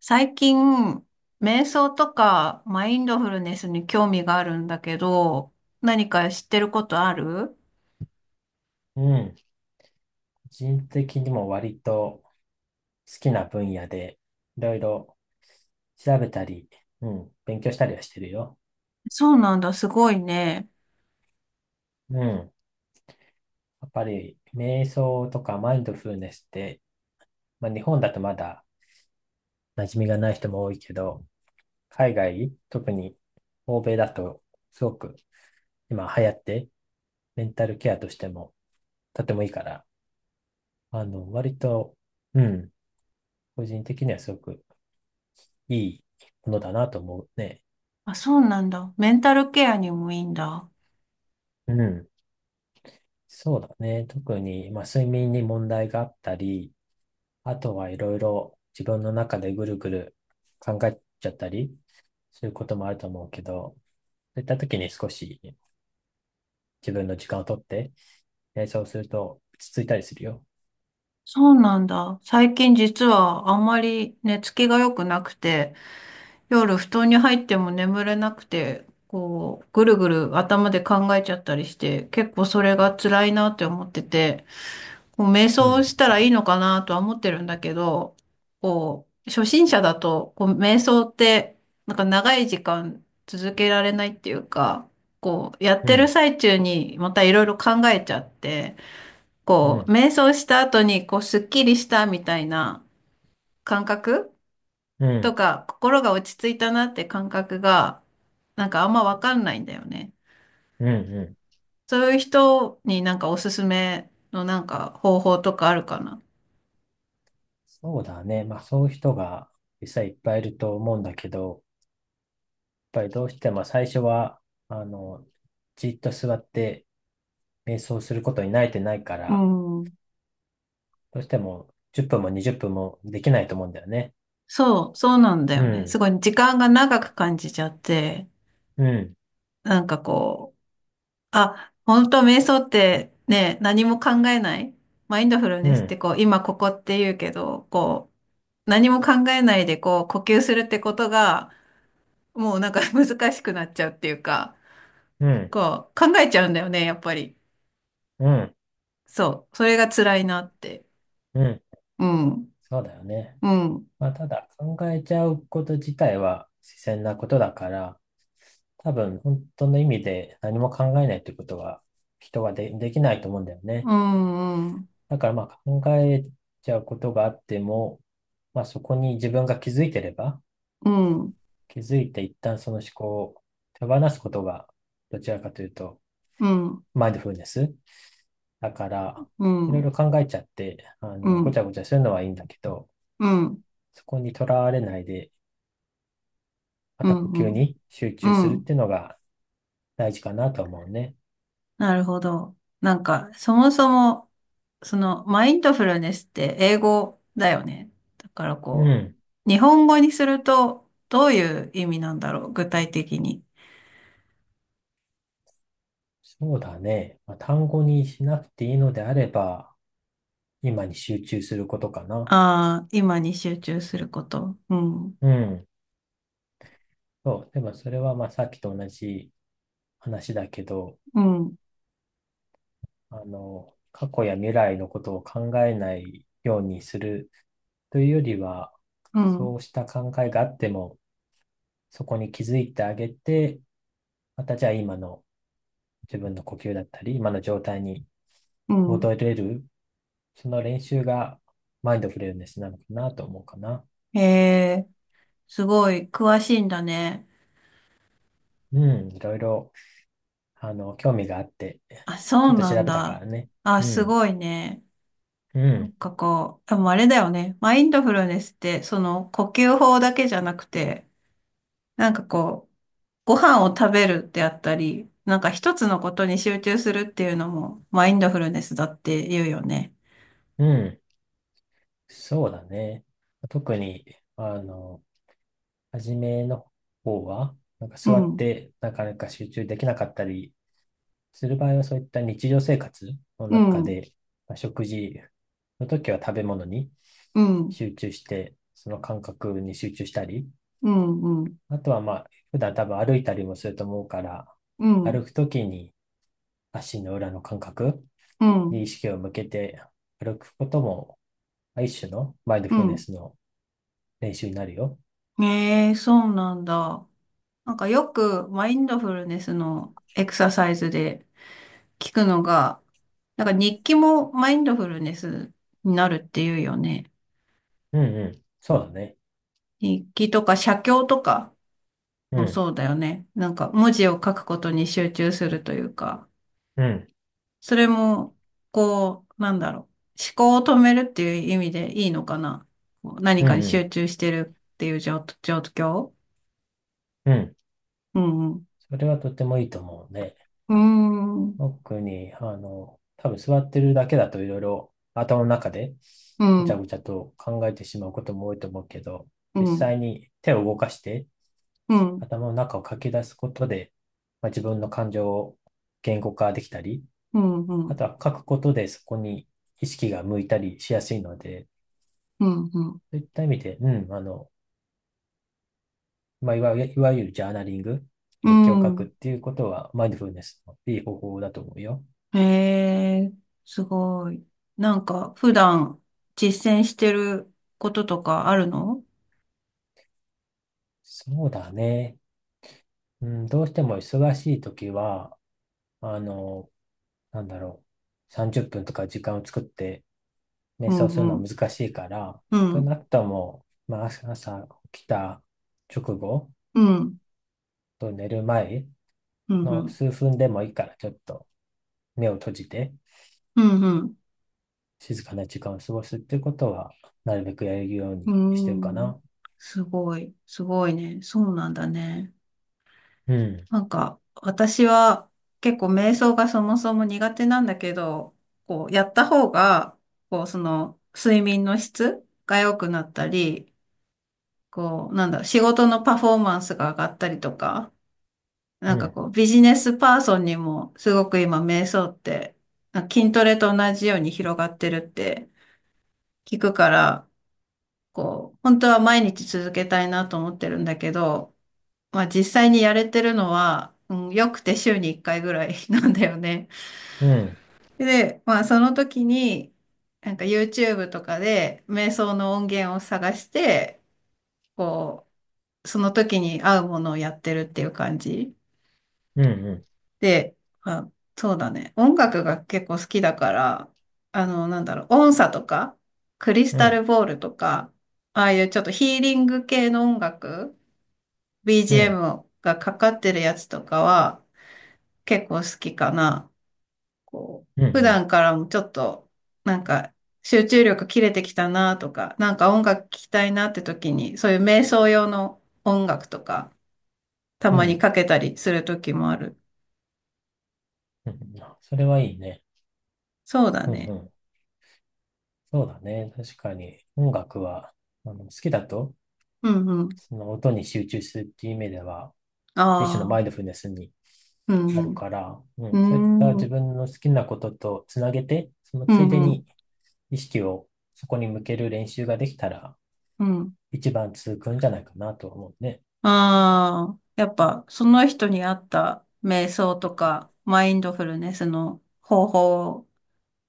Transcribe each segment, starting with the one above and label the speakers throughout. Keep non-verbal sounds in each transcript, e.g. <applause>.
Speaker 1: 最近、瞑想とかマインドフルネスに興味があるんだけど、何か知ってることある？
Speaker 2: うん。個人的にも割と好きな分野で、いろいろ調べたり、うん、勉強したりはしてるよ。
Speaker 1: そうなんだ、すごいね。
Speaker 2: うん。やっぱり、瞑想とかマインドフルネスって、まあ、日本だとまだ馴染みがない人も多いけど、海外、特に欧米だと、すごく今流行って、メンタルケアとしてもとてもいいから、割と、うん、個人的にはすごくいいものだなと思うね。
Speaker 1: あ、そうなんだ。メンタルケアにもいいんだ。
Speaker 2: うん。そうだね。特に、まあ、睡眠に問題があったり、あとはいろいろ自分の中でぐるぐる考えちゃったりすることもあると思うけど、そういった時に少し自分の時間をとって、そうすると落ち着いたりするよ。
Speaker 1: そうなんだ。最近実はあんまり寝つきが良くなくて、夜布団に入っても眠れなくて、こう、ぐるぐる頭で考えちゃったりして、結構それが辛いなって思ってて、こう瞑
Speaker 2: う
Speaker 1: 想
Speaker 2: ん、
Speaker 1: したらいいのかなとは思ってるんだけど、こう、初心者だと、こう、瞑想って、なんか長い時間続けられないっていうか、こう、やっ
Speaker 2: う
Speaker 1: てる
Speaker 2: ん、
Speaker 1: 最中にまたいろいろ考えちゃって、
Speaker 2: う
Speaker 1: こう、
Speaker 2: ん、
Speaker 1: 瞑想した後に、こう、すっきりしたみたいな感覚
Speaker 2: う
Speaker 1: と
Speaker 2: ん、
Speaker 1: か、心が落ち着いたなって感覚が、なんかあんまわかんないんだよね。
Speaker 2: うん、うん。
Speaker 1: そういう人になんかおすすめのなんか方法とかあるかな。
Speaker 2: そうだね。まあそういう人が実際いっぱいいると思うんだけど、やっぱりどうしても最初は、あの、じっと座って瞑想することに慣れてないか
Speaker 1: う
Speaker 2: ら、
Speaker 1: ん。
Speaker 2: どうしても10分も20分もできないと思うんだよね。
Speaker 1: そう、そうなんだ
Speaker 2: う
Speaker 1: よね。す
Speaker 2: ん、
Speaker 1: ごい時間が長く感じちゃって、
Speaker 2: うん、
Speaker 1: なんかこう、あ、本当瞑想ってね、何も考えない。マインドフル
Speaker 2: う
Speaker 1: ネスって
Speaker 2: ん、
Speaker 1: こう、今ここって言うけど、こう、何も考えないでこう、呼吸するってことが、もうなんか <laughs> 難しくなっちゃうっていうか、
Speaker 2: うん、
Speaker 1: こう、考えちゃうんだよね、やっぱり。
Speaker 2: うん、
Speaker 1: そう、それが辛いなって。
Speaker 2: うん。
Speaker 1: うん、
Speaker 2: そうだよね。
Speaker 1: うん、
Speaker 2: まあ、ただ考えちゃうこと自体は自然なことだから、多分本当の意味で何も考えないってことは人はで、できないと思うんだよね。
Speaker 1: うん、うん、
Speaker 2: だからまあ考えちゃうことがあっても、まあそこに自分が気づいてれば、
Speaker 1: うん、
Speaker 2: 気づいて一旦その思考を手放すことが、どちらかというと、
Speaker 1: うん、
Speaker 2: マインドフルネスだから、
Speaker 1: う
Speaker 2: いろいろ
Speaker 1: ん、
Speaker 2: 考えちゃって、
Speaker 1: う
Speaker 2: ごち
Speaker 1: ん、
Speaker 2: ゃごちゃするのはいいんだけど、
Speaker 1: うん、
Speaker 2: そこにとらわれないで、ま
Speaker 1: う
Speaker 2: た呼吸
Speaker 1: ん、
Speaker 2: に集
Speaker 1: う
Speaker 2: 中するっ
Speaker 1: ん。
Speaker 2: ていうのが大事かなと思うね。
Speaker 1: なるほど。なんか、そもそも、その、マインドフルネスって英語だよね。だから
Speaker 2: う
Speaker 1: こ
Speaker 2: ん。
Speaker 1: う、日本語にすると、どういう意味なんだろう、具体的に。
Speaker 2: そうだね。まあ、単語にしなくていいのであれば、今に集中することかな。
Speaker 1: ああ、今に集中すること。うん、
Speaker 2: うん。そう。でもそれはまあさっきと同じ話だけど、
Speaker 1: うん、
Speaker 2: 過去や未来のことを考えないようにするというよりは、
Speaker 1: うん、
Speaker 2: そうした考えがあっても、そこに気づいてあげて、またじゃあ今の自分の呼吸だったり、今の状態に
Speaker 1: うん。
Speaker 2: 戻れる、その練習がマインドフルネスなのかなと思うかな。
Speaker 1: へえ、すごい詳しいんだね。
Speaker 2: うん、いろいろ、興味があって、
Speaker 1: あ、
Speaker 2: ち
Speaker 1: そ
Speaker 2: ょっ
Speaker 1: う
Speaker 2: と
Speaker 1: な
Speaker 2: 調
Speaker 1: ん
Speaker 2: べたか
Speaker 1: だ。
Speaker 2: らね。
Speaker 1: あ、
Speaker 2: う
Speaker 1: す
Speaker 2: ん、
Speaker 1: ごいね。
Speaker 2: う
Speaker 1: なん
Speaker 2: ん、
Speaker 1: かこう、でもあれだよね。マインドフルネスって、その呼吸法だけじゃなくて、なんかこう、ご飯を食べるってあったり、なんか一つのことに集中するっていうのもマインドフルネスだって言うよね。
Speaker 2: うん、そうだね。特に、あの、初めの方は、なんか
Speaker 1: う
Speaker 2: 座っ
Speaker 1: ん、
Speaker 2: てなかなか集中できなかったり、する場合はそういった日常生活の
Speaker 1: う
Speaker 2: 中
Speaker 1: ん、
Speaker 2: で、まあ、食事の時は食べ物に
Speaker 1: うん、
Speaker 2: 集中して、その感覚に集中したり、
Speaker 1: うん、うん、
Speaker 2: あとはまあ、普段多分歩いたりもすると思うから、
Speaker 1: う
Speaker 2: 歩
Speaker 1: ん、
Speaker 2: く時に足の裏の感覚
Speaker 1: う
Speaker 2: に
Speaker 1: ん、
Speaker 2: 意識を向けて歩くことも、一種のマインド
Speaker 1: う
Speaker 2: フルネ
Speaker 1: ん。
Speaker 2: スの練習になるよ。
Speaker 1: ええ、そうなんだ。なんかよくマインドフルネスのエクササイズで聞くのが、なんか日記もマインドフルネスになるっていうよね。
Speaker 2: うんうん。そうだね。
Speaker 1: 日記とか写経とか
Speaker 2: う
Speaker 1: も
Speaker 2: ん、
Speaker 1: そうだよね。なんか文字を書くことに集中するというか。
Speaker 2: うん、
Speaker 1: それも、こう、なんだろう。思考を止めるっていう意味でいいのかな。こう何
Speaker 2: うん、
Speaker 1: かに
Speaker 2: う
Speaker 1: 集中してるっていう状況。
Speaker 2: ん、うん。
Speaker 1: うん。う
Speaker 2: それはとてもいいと思うね。
Speaker 1: ーん。
Speaker 2: 特に、多分座ってるだけだといろいろ頭の中で
Speaker 1: う
Speaker 2: ご
Speaker 1: ん。
Speaker 2: ち
Speaker 1: う
Speaker 2: ゃ
Speaker 1: ん。
Speaker 2: ごちゃと考えてしまうことも多いと思うけど、
Speaker 1: う
Speaker 2: 実
Speaker 1: ん。
Speaker 2: 際に手を動かして
Speaker 1: うん。
Speaker 2: 頭の中を書き出すことで、まあ、自分の感情を言語化できたり、
Speaker 1: うん。う
Speaker 2: あ
Speaker 1: ん。
Speaker 2: とは書くことでそこに意識が向いたりしやすいので、
Speaker 1: う
Speaker 2: そういった意味で、まあ、いわゆるジャーナリング、
Speaker 1: ん
Speaker 2: 日記を書
Speaker 1: う
Speaker 2: くっ
Speaker 1: ん
Speaker 2: ていうことはマインドフルネスのいい方法だと思うよ。
Speaker 1: へえ、すごい。なんか、普段実践してることとかあるの？
Speaker 2: そうだね。うん、どうしても忙しい時は、あの、なんだろう、30分とか時間を作って瞑
Speaker 1: う
Speaker 2: 想する
Speaker 1: んう
Speaker 2: のは
Speaker 1: ん。
Speaker 2: 難しいから、
Speaker 1: う
Speaker 2: 少
Speaker 1: ん。
Speaker 2: なくとも、まあ、朝起きた直後
Speaker 1: うん。
Speaker 2: と寝る前
Speaker 1: うん。う
Speaker 2: の
Speaker 1: ん。
Speaker 2: 数分でもいいから、ちょっと目を閉じて
Speaker 1: うん。うん。
Speaker 2: 静かな時間を過ごすっていうことは、なるべくやるよう
Speaker 1: う
Speaker 2: にしてるか
Speaker 1: ん
Speaker 2: な。
Speaker 1: すごい。すごいね。そうなんだね。
Speaker 2: うん、
Speaker 1: なんか、私は結構瞑想がそもそも苦手なんだけど、こう、やった方が、こう、その、睡眠の質が良くなったり、こう、なんだろう、仕事のパフォーマンスが上がったりとか、な
Speaker 2: う
Speaker 1: んか
Speaker 2: ん、
Speaker 1: こう、ビジネスパーソンにも、すごく今、瞑想って、なんか筋トレと同じように広がってるって聞くから、こう、本当は毎日続けたいなと思ってるんだけど、まあ実際にやれてるのは、うん、よくて週に1回ぐらい <laughs> なんだよね。
Speaker 2: うん、
Speaker 1: で、まあその時に、なんか YouTube とかで瞑想の音源を探して、こう、その時に合うものをやってるっていう感じ。
Speaker 2: うん、うん、
Speaker 1: で、まあ、そうだね。音楽が結構好きだから、あの、なんだろう、音叉とか、クリス
Speaker 2: う
Speaker 1: タル
Speaker 2: ん、
Speaker 1: ボールとか、ああいうちょっとヒーリング系の音楽、
Speaker 2: うん、
Speaker 1: BGM がかかってるやつとかは、結構好きかな。こ
Speaker 2: うん、
Speaker 1: う、普
Speaker 2: うん、
Speaker 1: 段からもちょっと、なんか、集中力切れてきたなとか、なんか音楽聴きたいなって時に、そういう瞑想用の音楽とか、た
Speaker 2: う
Speaker 1: まに
Speaker 2: ん。
Speaker 1: かけたりする時もある。
Speaker 2: うんそれはいいね。
Speaker 1: そうだ
Speaker 2: うん、う
Speaker 1: ね。
Speaker 2: ん。そうだね。確かに音楽は、好きだと、
Speaker 1: うんうん。
Speaker 2: その音に集中するっていう意味では、一種の
Speaker 1: あ
Speaker 2: マインド
Speaker 1: あ、
Speaker 2: フルネスに
Speaker 1: う
Speaker 2: なる
Speaker 1: ん
Speaker 2: から、う
Speaker 1: う
Speaker 2: ん、そういった
Speaker 1: ん。うー
Speaker 2: 自
Speaker 1: ん。
Speaker 2: 分の好きなこととつなげて、その
Speaker 1: う
Speaker 2: ついで
Speaker 1: んうん。
Speaker 2: に意識をそこに向ける練習ができたら、
Speaker 1: うん。
Speaker 2: 一番続くんじゃないかなと思うね。
Speaker 1: ああ、やっぱ、その人に合った瞑想とか、マインドフルネスの方法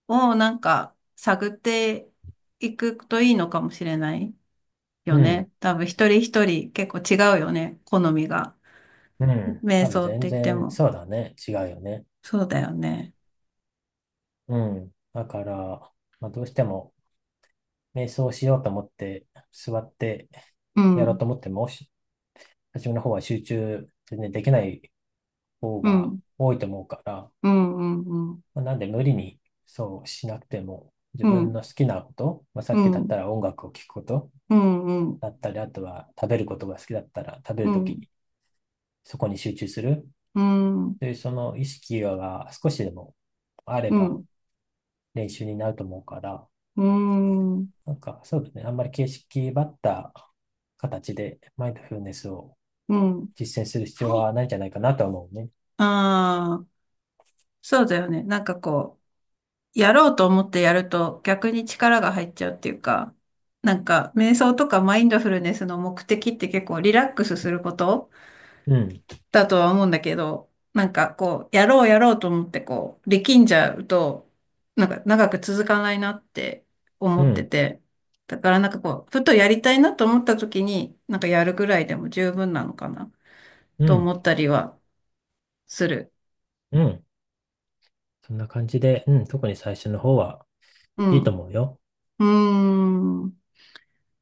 Speaker 1: をなんか探っていくといいのかもしれない
Speaker 2: う
Speaker 1: よ
Speaker 2: ん、
Speaker 1: ね。多分一人一人結構違うよね。好みが。
Speaker 2: うん。
Speaker 1: 瞑
Speaker 2: 多分
Speaker 1: 想っ
Speaker 2: 全
Speaker 1: て言って
Speaker 2: 然、
Speaker 1: も。
Speaker 2: そうだね。違うよね。
Speaker 1: そうだよね。
Speaker 2: うん。だから、まあ、どうしても、瞑想しようと思って、座って
Speaker 1: う
Speaker 2: やろう
Speaker 1: ん。
Speaker 2: と思っても、初めの方は集中全然できない方
Speaker 1: う
Speaker 2: が
Speaker 1: ん。
Speaker 2: 多いと思うから、
Speaker 1: うん。うん。
Speaker 2: まあ、なんで無理にそうしなくても、自
Speaker 1: う
Speaker 2: 分
Speaker 1: ん。
Speaker 2: の好きなこと、まあ、さ
Speaker 1: う
Speaker 2: っきだった
Speaker 1: ん。
Speaker 2: ら音楽を聴くこと
Speaker 1: うん。うん。
Speaker 2: だったり、あとは食べることが好きだったら食べ
Speaker 1: う
Speaker 2: るとき
Speaker 1: ん。
Speaker 2: にそこに集中する
Speaker 1: うん。
Speaker 2: というその意識が少しでもあれば練習になると思うから、
Speaker 1: うん。
Speaker 2: なんかそうですね、あんまり形式ばった形でマインドフルネスを
Speaker 1: うん。
Speaker 2: 実践する必要はないんじゃないかなとは思うね。
Speaker 1: ああ、そうだよね。なんかこう。やろうと思ってやると逆に力が入っちゃうっていうか、なんか瞑想とかマインドフルネスの目的って結構リラックスすること
Speaker 2: うん、
Speaker 1: だとは思うんだけど、なんかこう、やろうやろうと思ってこう、力んじゃうと、なんか長く続かないなって
Speaker 2: う
Speaker 1: 思って
Speaker 2: ん、
Speaker 1: て、だからなんかこう、ふとやりたいなと思った時に、なんかやるぐらいでも十分なのかな
Speaker 2: う
Speaker 1: と
Speaker 2: ん、
Speaker 1: 思ったりはする。
Speaker 2: うん。そんな感じで、うん、特に最初の方は
Speaker 1: う
Speaker 2: いいと
Speaker 1: ん。
Speaker 2: 思うよ。
Speaker 1: うーん。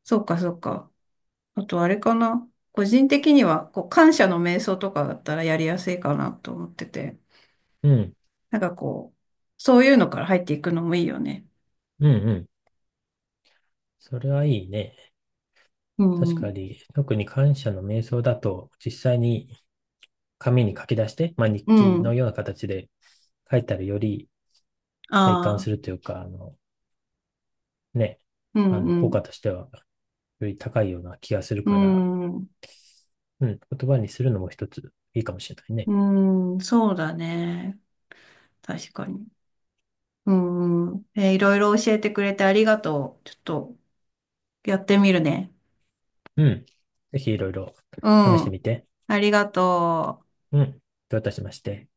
Speaker 1: そうかそうか。あとあれかな。個人的には、こう、感謝の瞑想とかだったらやりやすいかなと思ってて。
Speaker 2: うん、
Speaker 1: なんかこう、そういうのから入っていくのもいいよね。
Speaker 2: うん、うん。それはいいね。
Speaker 1: う
Speaker 2: 確か
Speaker 1: ん。
Speaker 2: に、特に感謝の瞑想だと、実際に紙に書き出して、まあ、日
Speaker 1: う
Speaker 2: 記の
Speaker 1: ん。
Speaker 2: ような形で書いたらより体感
Speaker 1: あ
Speaker 2: する
Speaker 1: あ。
Speaker 2: というか、ね、
Speaker 1: うん、う
Speaker 2: 効果
Speaker 1: ん。
Speaker 2: としてはより高いような気がする
Speaker 1: う
Speaker 2: から、
Speaker 1: ん。
Speaker 2: うん、言葉にするのも一ついいかもしれないね。
Speaker 1: うん。そうだね。確かに。うん。うんいろいろ教えてくれてありがとう。ちょっと、やってみるね。
Speaker 2: うん。ぜひいろいろ
Speaker 1: う
Speaker 2: 試して
Speaker 1: ん。
Speaker 2: みて。
Speaker 1: ありがとう。
Speaker 2: うん。どういたしまして。